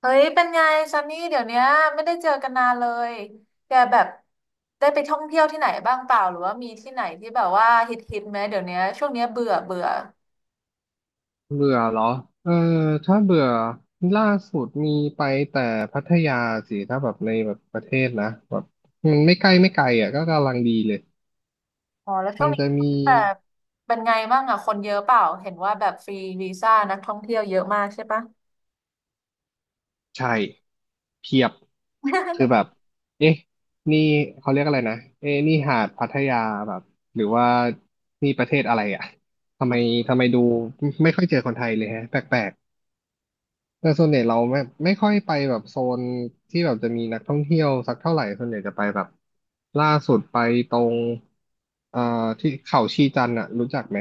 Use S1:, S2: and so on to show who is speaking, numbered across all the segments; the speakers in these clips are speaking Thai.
S1: เฮ้ย เป็นไงซันนี่เดี๋ยวเนี้ยไม่ได้เจอกันนานเลยแกแบบได้ไปท่องเที่ยวที่ไหนบ้างเปล่าหรือว่ามีที่ไหนที่แบบว่าฮิตฮิตไหมเดี๋ยวเนี้ยช่วงเนี้ยเบื่อเบื่อ
S2: เบื่อเหรอเออถ้าเบื่อล่าสุดมีไปแต่พัทยาสิ ถ้าแบบในแบบประเทศนะแบบมันไม่ใกล้ไม่ไกลอ่ะก็กำลังดีเลย
S1: อ๋อแล้วช่ว
S2: มั
S1: ง
S2: น
S1: นี้
S2: จะมี
S1: แบบเป็นไงบ้างอ่ะคนเยอะเปล่าเห็นว่าแบบฟรีวีซ่านักท่องเที่ยวเยอะมากใช่ปะ
S2: ใช่เพียบคือ แบบเอ๊ะนี่เขาเรียกอะไรนะเอ๊ะนี่หาดพัทยาแบบหรือว่านี่ประเทศอะไรอ่ะทำไมทำไมดูไม่ค่อยเจอคนไทยเลยฮะแปลก แต่ส่วนใหญ่เราไม่ค่อยไปแบบโซนที่แบบจะมีนักท่องเที่ยวสักเท่าไหร่ส่วนใหญ่จะไปแบบล่าสุดไปตรงเอ่อที่เขาชีจันทร์อะรู้จักไหม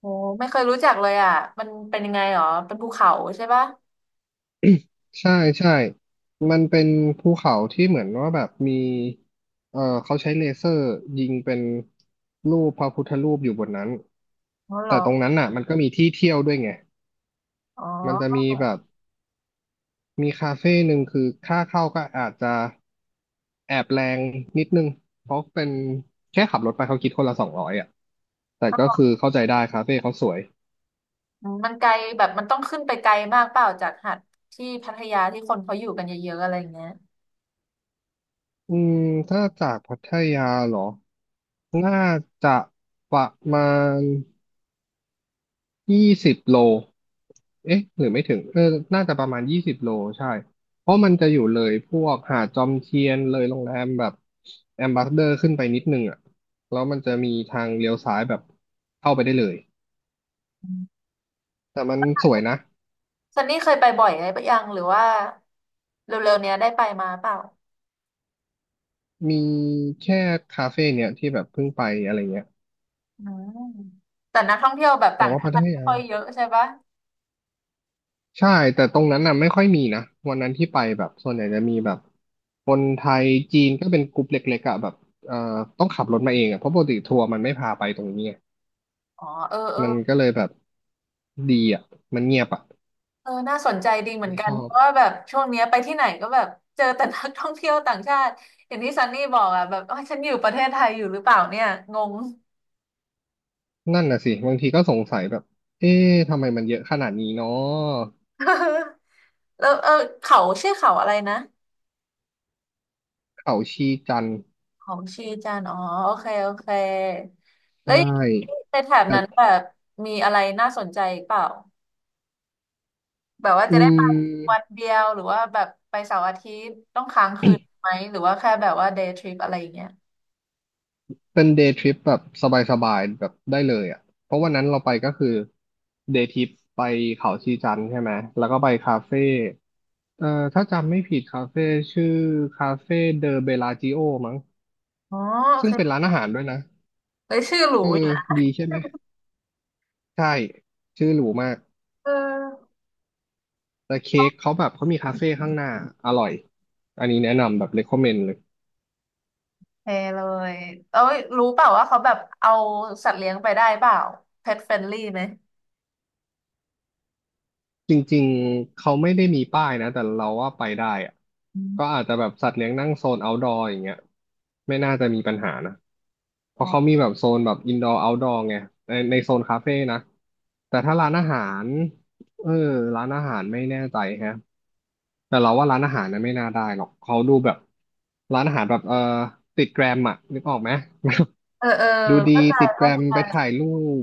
S1: โอ้ไม่เคยรู้จักเลยอ่ะมันเป็นยังไงหรอเป็นภูเขาใช่ปะ
S2: ใช่ใช่มันเป็นภูเขาที่เหมือนว่าแบบมีเขาใช้เลเซอร์ยิงเป็นรูปพระพุทธรูปอยู่บนนั้น
S1: อ๋อเหร
S2: แต่
S1: อ
S2: ตรงนั้นอ่ะมันก็มีที่เที่ยวด้วยไง
S1: อ๋
S2: มันจะ
S1: อ
S2: มีแบบ มีคาเฟ่หนึ่งคือค่าเข้าก็อาจจะแอบแรงนิดนึงเพราะเป็นแค่ขับรถไปเขาคิดคนละ200อ่ะแต่ก็คือเข้าใจได้คาเฟ่เขาสวย
S1: อืมมันไกลแบบมันต้องขึ้นไปไกลมากเปล่าจากหาดที่พัทยาที่คนเขาอยู่กันเยอะๆอะไรอย่างเงี้ย
S2: อืมถ้าจากพัทยาเหรอน่าจะประมาณ ยี่สิบโล เอ๊ะ หรือไม่ถึง เออน่าจะประมาณ20 โล ใช่ เพราะมันจะอยู่เลยพวกหาดจอมเทียนเลยโรงแรมแบบแอมบาสเดอร์ขึ้นไปนิดนึงอ่ะ แล้วมันจะมีทางเลี้ยวซ้ายแบบเข้าไปได้เลย แต่มันสวยนะ
S1: ซันนี่เคยไปบ่อยไหมปะยังหรือว่าเร็วๆเนี้ยได้ไปมาเปล่า
S2: มีแค่คาเฟ่เนี่ยที่แบบเพิ่งไปอะไรเงี้ย
S1: อืมแต่นักท่องเที่ยวแบบ
S2: แต่
S1: ต่าง
S2: ว่า
S1: ชา
S2: พัท
S1: ติไม่
S2: ยา
S1: ค่อยเยอะใช่ปะ
S2: ใช่แต่ตรงนั้นน่ะไม่ค่อยมีนะวันนั้นที่ไปแบบส่วนใหญ่จะมีแบบคนไทยจีนก็เป็นกลุ่มเล็กๆอะแบบเอ่อต้องขับรถมาเองอะเพราะปกติทัวร์มันไม่พาไปตรงนี้ไง
S1: อ๋อเออเออ
S2: มันก็เลยแบบดีอะมันเงียบอะ
S1: เออน่าสนใจดีเหมือน
S2: ไม่
S1: กั
S2: ช
S1: น
S2: อ
S1: เพ
S2: บ
S1: ราะว่าแบบช่วงเนี้ยไปที่ไหนก็แบบเจอแต่นักท่องเที่ยวต่างชาติอย่างที่ซันนี่บอกอ่ะแบบเอ้ยฉันอยู่ประเทศไทยอยู่หรือเปล่าเนี่ยงง
S2: นั่นน่ะสิบางทีก็สงสัยแบบเอ๊ะทำไมมันเยอะขนาดนี้เนาะ
S1: แล้วเออเขาชื่อเขาอะไรนะ
S2: เขาชีจันทร์
S1: เขาชีจันทร์อ๋อโอเคโอเค
S2: ใช
S1: แล้ว
S2: ่
S1: ในแถบ
S2: แต
S1: นั้น
S2: ่
S1: แบบมีอะไรน่าสนใจเปล่า แบบว่า
S2: อื
S1: จะได้ไปวั
S2: ม
S1: นเดียวหรือว่าแบบไปเสาร์อาทิตย์ต้องค้างคืนไหมหรือว่าแค่แบบว่าเดย์ทริปอะไรอย่างเงี้ย
S2: เป็นเดย์ทริปแบบสบายๆแบบได้เลยอ่ะ เพราะวันนั้นเราไปก็คือเดย์ทริปไปเขาชีจันทร์ใช่ไหม แล้วก็ไปคาเฟ่เอ่อถ้าจำไม่ผิดคาเฟ่ชื่อคาเฟ่เดอเบลาจิโอมั้ง
S1: อ๋อโอ
S2: ซึ่ง
S1: เค
S2: เป็นร้านอาหารด้วยนะ
S1: เลยชื่อหรู
S2: เออ
S1: อยู่นะ
S2: ดีใช่ไหม ใช่ ชื่อหรูมาก
S1: เออ
S2: แต่เค้กเขาแบบเขามีคาเฟ่ข้างหน้าอร่อย อันนี้แนะนำแบบ recommend เลย
S1: โอเคเลยเอ้ยรู้เปล่าว่าเขาแบบเอาสัตว์เลี้ยงไปได้เปล่า pet friendly ไหม
S2: จริงๆ เขาไม่ได้มีป้ายนะแต่เราว่าไปได้อะ
S1: อื
S2: ก็
S1: ม
S2: อาจจะแบบสัตว์เลี้ยงนั่งโซน outdoor อย่างเงี้ยไม่น่าจะมีปัญหานะเพ
S1: อ๋
S2: ราะ
S1: อ
S2: เขามีแบบโซนแบบ indoor outdoor ไงในโซนคาเฟ่นะแต่ถ้าร้านอาหารเออร้านอาหารไม่แน่ใจฮะแต่เราว่าร้านอาหารนะไม่น่าได้หรอกเขาดูแบบร้านอาหารแบบติดแกรมอะนึกออกไหม
S1: เออเออ
S2: ดูดี
S1: เข้าใจ
S2: ติดแกรมไปถ่ายรูป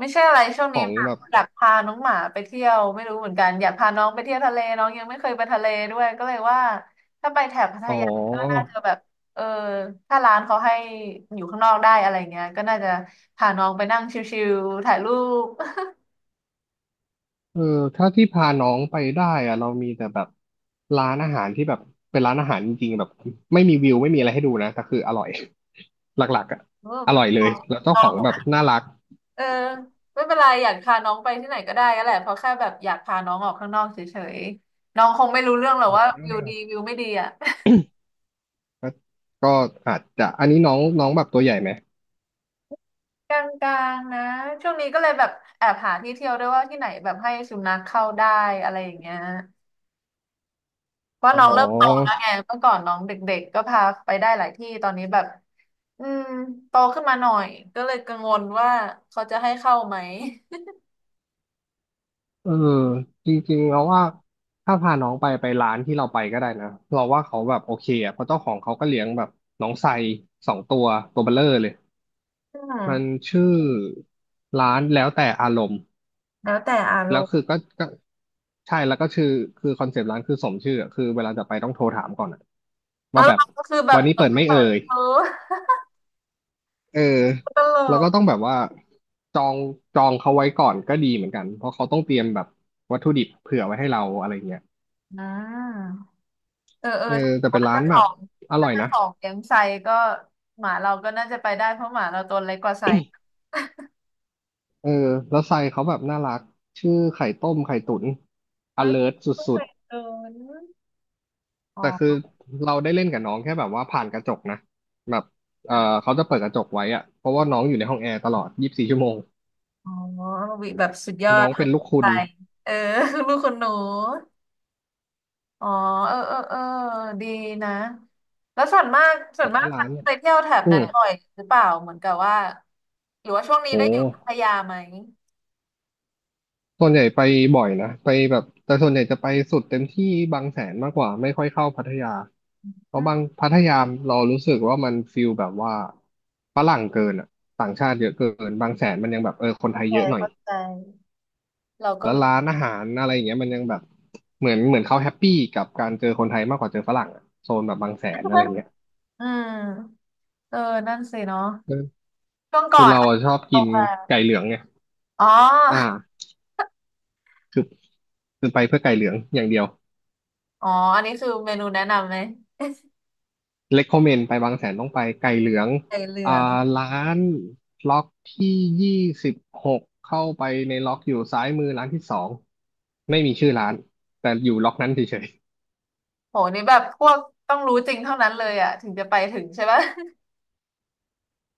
S1: ไม่ใช่อะไรช่วง
S2: ข
S1: นี้
S2: อง
S1: แบบ
S2: แบบ
S1: อยากพาน้องหมาไปเที่ยวไม่รู้เหมือนกันอยากพาน้องไปเที่ยวทะเลน้องยังไม่เคยไปทะเลด้วยก็เลยว่าถ้าไปแถบพัท
S2: อ๋อ
S1: ยาก็น่าจะแบบเออถ้าร้านเขาให้อยู่ข้างนอกได้อะไรเงี้ยก็น่าจะพาน้องไปนั่งชิลๆถ่ายรูป
S2: เออถ้าที่พาน้องไปได้อะเรามีแต่แบบร้านอาหารที่แบบเป็นร้านอาหารจริงๆแบบไม่มีวิวไม่มีอะไรให้ดูนะแต่คืออร่อย หลักๆอะ
S1: เออ
S2: อ
S1: ไม่
S2: ร่อยเลยแล้วเจ้าของแบบน่ารัก
S1: เออไม่เป็นไรอยากพาน้องไปที่ไหนก็ได้ก็แหละเพราะแค่แบบอยากพาน้องออกข้างนอกเฉยๆน้องคงไม่รู้เรื่องหรอกว่าวิวดีวิวไม่ดีอ่ะ
S2: ก็ก็อาจจะอันนี้น้องน้องแบบตัวใหญ่ไหม
S1: กลางๆนะช่วงนี้ก็เลยแบบแอบหาที่เที่ยวด้วยว่าที่ไหนแบบให้สุนัขเข้าได้อะไรอย่างเงี้ยเพราะ
S2: อ๋อ
S1: น้องเริ่มโตแล้วไงเมื่อก่อนน้องเด็กๆก็พาไปได้หลายที่ตอนนี้แบบอืมโตขึ้นมาหน่อยก็เลยกังวลว่าเขาจะให้เข้าไหม
S2: เออจริงๆเราว่าถ้าพาน้องไปไปร้านที่เราไปก็ได้นะเราว่าเขาแบบโอเคอะเพราะเจ้าของเขาก็เลี้ยงแบบน้องไซสองตัวตัวเบลเลอร์เลย
S1: อื
S2: มัน
S1: ม
S2: ชื่อร้านแล้วแต่อารมณ์
S1: แล้วแต่อาร
S2: แล้ว
S1: มณ์
S2: คือก็ใช่แล้วก็ชื่อคือคอนเซปต์ร้านคือสมชื่ออะคือเวลาจะไปต้องโทรถามก่อนอะ
S1: อ๋อ
S2: ว่าแบบ
S1: เราก็คือแบ
S2: วั
S1: บ
S2: นนี้
S1: เปิ
S2: เปิ
S1: ด
S2: ดไหม่
S1: เผ
S2: เอ่
S1: ย
S2: ย
S1: เออ
S2: เออ
S1: ตล
S2: แล้วก็ต้อง
S1: ก
S2: แบบว่าจองจองเขาไว้ก่อนก็ดีเหมือนกันเพราะเขาต้องเตรียมแบบวัตถุดิบเผื่อไว้ให้เราอะไรเงี้ย
S1: อืมเออเออ
S2: เออ
S1: ถ้าบ
S2: แต่
S1: อก
S2: เป็น
S1: ว่า
S2: ร้า
S1: เจะ
S2: น
S1: ข
S2: แบ
S1: อ
S2: บ
S1: ง
S2: อร่
S1: ถ้า
S2: อย
S1: เจะ
S2: นะ
S1: ของเลี้ยงไซก็หมาเราก็น่าจะไปได้เพราะหมาเราตัวเล็กกว่าไซ
S2: เออแล้วไซเขาแบบน่ารักชื่อไข่ต้มไข่ตุ๋นอ
S1: ไม่
S2: เลิร์ส
S1: เพิ่ง
S2: ุ
S1: เค
S2: ด
S1: ย
S2: ๆ
S1: เดินอ๋อ
S2: แต่คือเราได้เล่นกับน้องแค่แบบว่าผ่านกระจกนะแบบเออเขาจะเปิดกระจกไว้อะเพราะว่าน้องอยู่ในห้องแอร์ตลอด24 ชั่วโมง
S1: อ๋อวิแบบสุดยอ
S2: น้
S1: ด
S2: อง
S1: ทั
S2: เป็น
S1: น
S2: ลูกคุ
S1: ใจ
S2: ณ
S1: เออ ลูกคนหนูอ๋อเออเออเออดีนะ แล้วส่วนมาก ส่ว
S2: แต่
S1: นมา
S2: ว่า
S1: กฉั
S2: ร้า
S1: น
S2: นเนี่ย
S1: ไปเที่ยวแถบ
S2: อื
S1: นั้
S2: ม
S1: นบ่อยหรือเปล่า เหมือนกับว่า หรือว่าช่วงนี้
S2: โห
S1: ได้อยู่พัทยาไหม
S2: ส่วนใหญ่ไปบ่อยนะไปแบบแต่ส่วนใหญ่จะไปสุดเต็มที่บางแสนมากกว่าไม่ค่อยเข้าพัทยาเพ
S1: อื
S2: ราะบาง
S1: ม
S2: พัทยาเรารู้สึกว่ามันฟิลแบบว่าฝรั่งเกินอะต่างชาติเยอะเกินบางแสนมันยังแบบเออคนไท
S1: เข้า
S2: ย
S1: ใจ
S2: เยอะหน่อย
S1: เข้าใจเราก็
S2: แล้ว
S1: รู้
S2: ร้านอาหารอะไรอย่างเงี้ยมันยังแบบเหมือนเขาแฮปปี้กับการเจอคนไทยมากกว่าเจอฝรั่งอะโซนแบบบางแสนอะไร เงี้ย
S1: อืมเออนั่นสิเนาะ
S2: เอ
S1: ช่วงก่อ
S2: คือ
S1: น
S2: เราอะชอบกิ
S1: เอา
S2: น
S1: มา
S2: ไก่เหลืองไง
S1: อ๋
S2: อ่า
S1: อ
S2: คือคือไปเพื่อไก่เหลืองอย่างเดียว
S1: อ๋ออันนี้คือเมนูแนะนำไหม
S2: recommend ไปบางแสนต้องไปไก่เหลือง
S1: ไอเรื
S2: อ่า
S1: อง
S2: ร้านล็อกที่26เข้าไปในล็อกอยู่ซ้ายมือร้านที่สองไม่มีชื่อร้านแต่อยู่ล็อกนั้นเฉย
S1: โหนี่แบบพวกต้องรู้จริงเท่านั้นเลยอ่ะถึงจะไปถึงใช่ปะ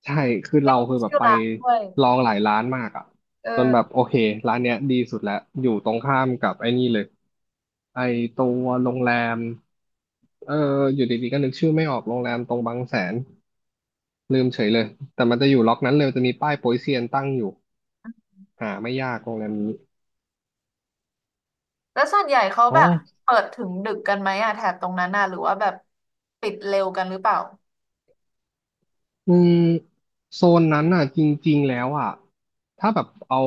S2: ใช่คือ
S1: ไม่
S2: เรา
S1: มี
S2: คือแบบ
S1: ชื่อ
S2: ไป
S1: ร้านด้วย
S2: ลองหลายร้านมากอ่ะ จนแบบ
S1: เออ
S2: โอเคร้านเนี้ยดีสุดแล้วอยู่ตรงข้ามกับไอ้นี่เลยไอ้ตัวโรงแรมเอออยู่ดีๆก็นึกชื่อไม่ออกโรงแรมตรงบางแสนลืมเฉยเลยแต่มันจะอยู่ล็อกนั้นเลยจะมีป้ายโป๊ยเซียนตั้งอยู่หาไม่ยากโรงแรมนี้
S1: แล้วส่วนใหญ่เขา
S2: อ๋อ
S1: แบบเปิดถึงดึกกันไหมอ่ะแถบตรงนั้นน่ะหรือว่าแบบปิดเร็วกันหรือเปล่า
S2: อืมโซนนั้นน่ะจริงๆแล้วอ่ะถ้าแบบเอา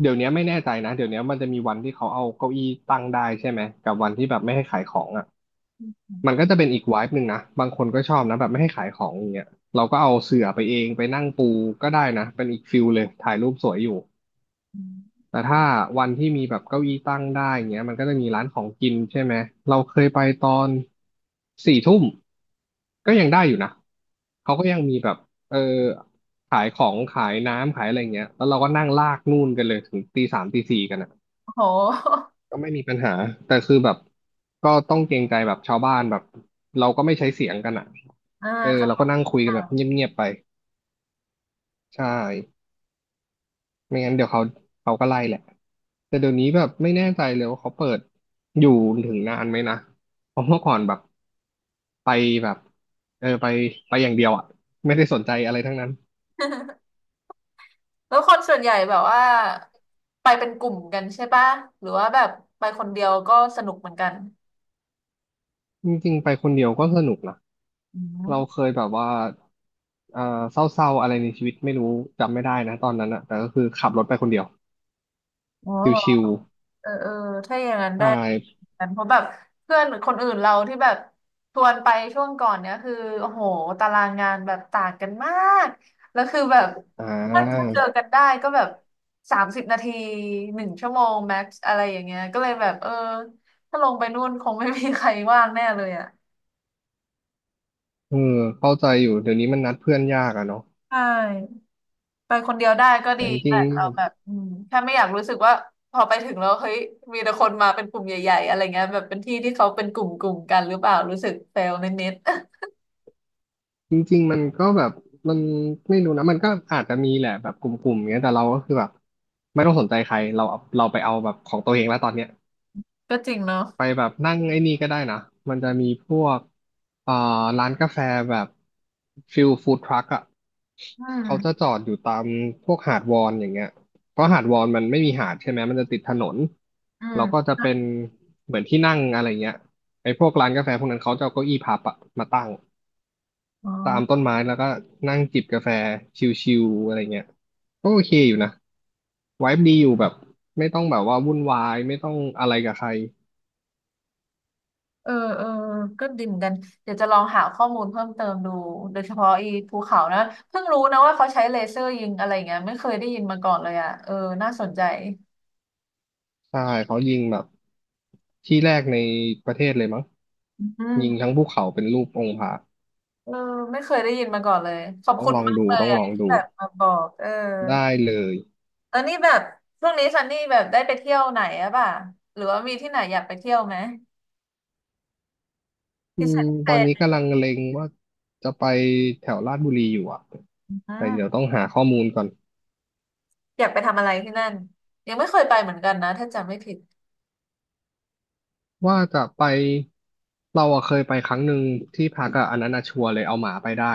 S2: เดี๋ยวนี้ไม่แน่ใจนะเดี๋ยวนี้มันจะมีวันที่เขาเอาเก้าอี้ตั้งได้ใช่ไหมกับวันที่แบบไม่ให้ขายของอ่ะ มันก็จะเป็นอีกไวบ์หนึ่งนะบางคนก็ชอบนะแบบไม่ให้ขายของอย่างเงี้ยเราก็เอาเสื่อไปเองไปนั่งปูก็ได้นะเป็นอีกฟิลเลยถ่ายรูปสวยอยู่
S1: อืม
S2: แต่ถ้าวันที่มีแบบเก้าอี้ตั้งได้อย่างเงี้ยมันก็จะมีร้านของกินใช่ไหมเราเคยไปตอนสี่ทุ่มก็ยังได้อยู่นะเขาก็ยังมีแบบเออขายของขายน้ำขายอะไรเงี้ยแล้วเราก็นั่งลากนู่นกันเลยถึงตีสามตีสี่กันนะ
S1: โห
S2: ก็ไม่มีปัญหาแต่คือแบบก็ต้องเกรงใจแบบชาวบ้านแบบเราก็ไม่ใช้เสียงกันอ่ะ
S1: อ่า
S2: เออเราก็
S1: ค่ะ
S2: นั่งคุยกันแบบเงียบๆไปใช่ไม่งั้นเดี๋ยวเขาก็ไล่แหละแต่เดี๋ยวนี้แบบไม่แน่ใจเลยว่าเขาเปิดอยู่ถึงนานไหมนะเพราะเมื่อก่อนแบบไปแบบเออไปอย่างเดียวอ่ะไม่ได้สนใจอะไรทั้งนั้น
S1: แล้วคนส่วนใหญ่แบบว่าไปเป็นกลุ่มกันใช่ปะหรือว่าแบบไปคนเดียวก็สนุกเหมือนกัน
S2: จริงๆไปคนเดียวก็สนุกนะ
S1: อื
S2: เราเค
S1: ม
S2: ยแบบว่าเอ่อเศร้าๆอะไรในชีวิตไม่รู้จำไม่ได้นะตอนนั้นอะแต่ก็คือขับรถไปคนเดียว
S1: อ๋อ
S2: ช
S1: เหรอ
S2: ิว
S1: เออเออถ้าอย่างนั้น
S2: ใช
S1: ได้
S2: ่
S1: กันเพราะแบบเพื่อนคนอื่นเราที่แบบชวนไปช่วงก่อนเนี้ยคือโอ้โหตารางงานแบบต่างกันมากแล้วคือแบบ
S2: อ่
S1: ถ้า
S2: า
S1: เจอกันได้ก็แบบ30 นาที1 ชั่วโมงแม็กซ์อะไรอย่างเงี้ยก็เลยแบบเออถ้าลงไปนู่นคงไม่มีใครว่างแน่เลยอ่ะ
S2: เออเข้าใจอยู่เดี๋ยวนี้มันนัดเพื่อนยากอะเนาะ
S1: ใช่ ไปคนเดียวได้ก็ดี
S2: แต่จริ
S1: แต่
S2: ง
S1: เราแบบอืมแค่ไม่อยากรู้สึกว่าพอไปถึงแล้วเฮ้ยมีแต่คนมาเป็นกลุ่มใหญ่ๆอะไรเงี้ยแบบเป็นที่ที่เขาเป็นกลุ่มกลุ่มกันหรือเปล่ารู้สึกเฟลนิดๆ
S2: ๆจริงๆมันก็แบบมันไม่รู้นะ มันก็อาจจะมีแหละแบบกลุ่มๆเงี้ยแต่เราก็คือแบบไม่ต้องสนใจใครเราเราไปเอาแบบของตัวเองแล้วตอนเนี้ย
S1: ก็จริงเนาะ
S2: ไปแบบนั่งไอ้นี่ก็ได้นะ มันจะมีพวกเอ่อร้านกาแฟแบบฟิลฟู้ดทรัคอะ
S1: อื
S2: เขาจะ
S1: ม
S2: จอดอยู่ตามพวกหาดวอนอย่างเงี้ยเพราะหาดวอนมันไม่มีหาดใช่ไหมมันจะติดถนน
S1: อื
S2: แล้
S1: ม
S2: วก็จะเป็นเหมือนที่นั่งอะไรเงี้ยไอ้พวกร้านกาแฟพวกนั้นเขาจะเอาเก้าอี้พับอะมาตั้ง
S1: อ๋
S2: ตามต้
S1: อ
S2: นไม้แล้วก็นั่งจิบกาแฟชิลๆอะไรเงี้ยก็โอเคอยู่นะไวบ์ดีอยู่แบบไม่ต้องแบบว่าวุ่นวายไม่ต้องอะไรกับใคร
S1: เออเออก็ดีเหมือนกันเดี๋ยวจะลองหาข้อมูลเพิ่มเติมดูโดยเฉพาะอีภูเขานะเพิ่งรู้นะว่าเขาใช้เลเซอร์ยิงอะไรเงี้ยไม่เคยได้ยินมาก่อนเลยอ่ะเออน่าสนใจ
S2: ใช่เขายิงแบบที่แรกในประเทศเลยมั้ง
S1: อืม
S2: ยิงทั้งภูเขาเป็นรูปองค์พระ
S1: เออไม่เคยได้ยินมาก่อนเลยขอบ
S2: ต้อง
S1: คุณ
S2: ลอง
S1: มาก
S2: ดู
S1: เลย
S2: ต้อง
S1: อ่ะ
S2: ลอง
S1: ที่
S2: ดู
S1: แบบมาบอกเออ
S2: ได้เลย
S1: เออนี่แบบช่วงนี้ซันนี่แบบได้ไปเที่ยวไหนอะป่ะหรือว่ามีที่ไหนอยากไปเที่ยวไหม
S2: อื
S1: พิเศ
S2: ม
S1: ษพิเศ
S2: ตอนนี้
S1: ษ
S2: กำลังเล็งว่าจะไปแถวลาดบุรีอยู่อ่ะ
S1: อื
S2: แต่เดี๋ยว
S1: ม
S2: ต้องหาข้อมูลก่อน
S1: อยากไปทำอะไรที่นั่นยังไม่เคยไปเหมือนกันนะถ้าจำไม่ผิด
S2: ว่าจะไปเราอะเคยไปครั้งหนึ่งที่พักอะอันนั้นอะชัวร์เลยเอาหมาไปได้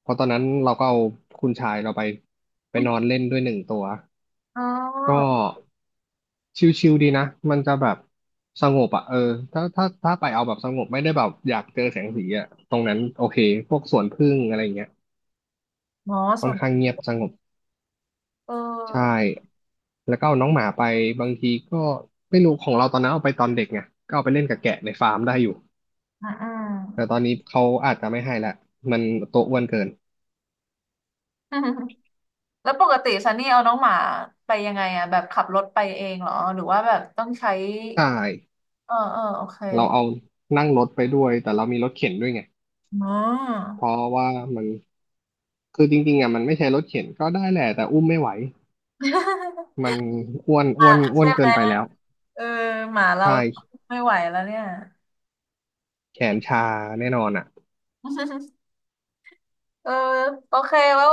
S2: เพราะตอนนั้นเราก็เอาคุณชายเราไปไปนอนเล่นด้วยหนึ่งตัว
S1: อ๋
S2: ก็
S1: อ
S2: ชิลๆดีนะ มันจะแบบสงบอ่ะเออถ้าไปเอาแบบสงบไม่ได้แบบอยากเจอแสงสีอ่ะตรงนั้นโอเคพวกสวนผึ้งอะไรเงี้ย
S1: หมอ
S2: ค่
S1: ส่
S2: อน
S1: วน
S2: ข้างเงียบสงบ
S1: เอ
S2: ใช่
S1: อ
S2: แล้วก็เอาน้องหมาไปบางทีก็ไม่รู้ของเราตอนนั้นเอาไปตอนเด็กไงก็เอาไปเล่นกับแกะในฟาร์มได้อยู่
S1: อืม อ
S2: แต่
S1: ื
S2: ตอนนี้เขาอาจจะไม่ให้ละมันตัวอ้วนเกิน
S1: ม แล้วปกติซันนี่เอาน้องหมาไปยังไงอะแบบขับรถไปเองเหรอหรือว่าแบบต้องใช้
S2: ใช่
S1: เออเออโอเค
S2: เราเอานั่งรถไปด้วยแต่เรามีรถเข็นด้วยไง
S1: อ๋อ
S2: เพราะว่ามันคือจริงๆอ่ะมันไม่ใช่รถเข็นก็ได้แหละแต่อุ้มไม่ไหว มันอ้วนอ้วนอ้วนเกินไปแล้ว
S1: เออหมาเรา
S2: ใช่
S1: ไม่ไหวแล้วเนี่ย
S2: แขนชาแน่นอนอ่ะ
S1: เออโอเคแล้ว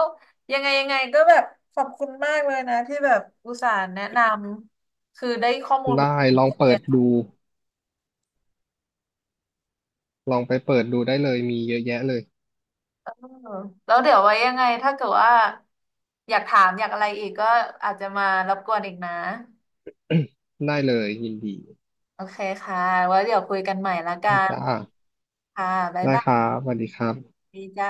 S1: ยังไงยังไงก็แบบขอบคุณมากเลยนะที่แบบอุตส่าห์แนะนำคือได้ข้อมูลมา
S2: ได้ลอง
S1: เล
S2: เปิ
S1: ย
S2: ด
S1: นะ
S2: ดูลองไปเปิดดูได้เลยมีเยอะแยะเลย
S1: เออแล้วเดี๋ยวไว้ยังไงถ้าเกิดว่าอยากถามอยากอะไรอีกก็อาจจะมารบกวนอีกนะ
S2: ได้เลยยินดี
S1: โอเคค่ะไว้เดี๋ยวคุยกันใหม่ละกั
S2: ได้
S1: น
S2: จ้า
S1: ค่ะบ๊าย
S2: ได้
S1: บา
S2: ครับสวัสดีครับ
S1: ยจ้า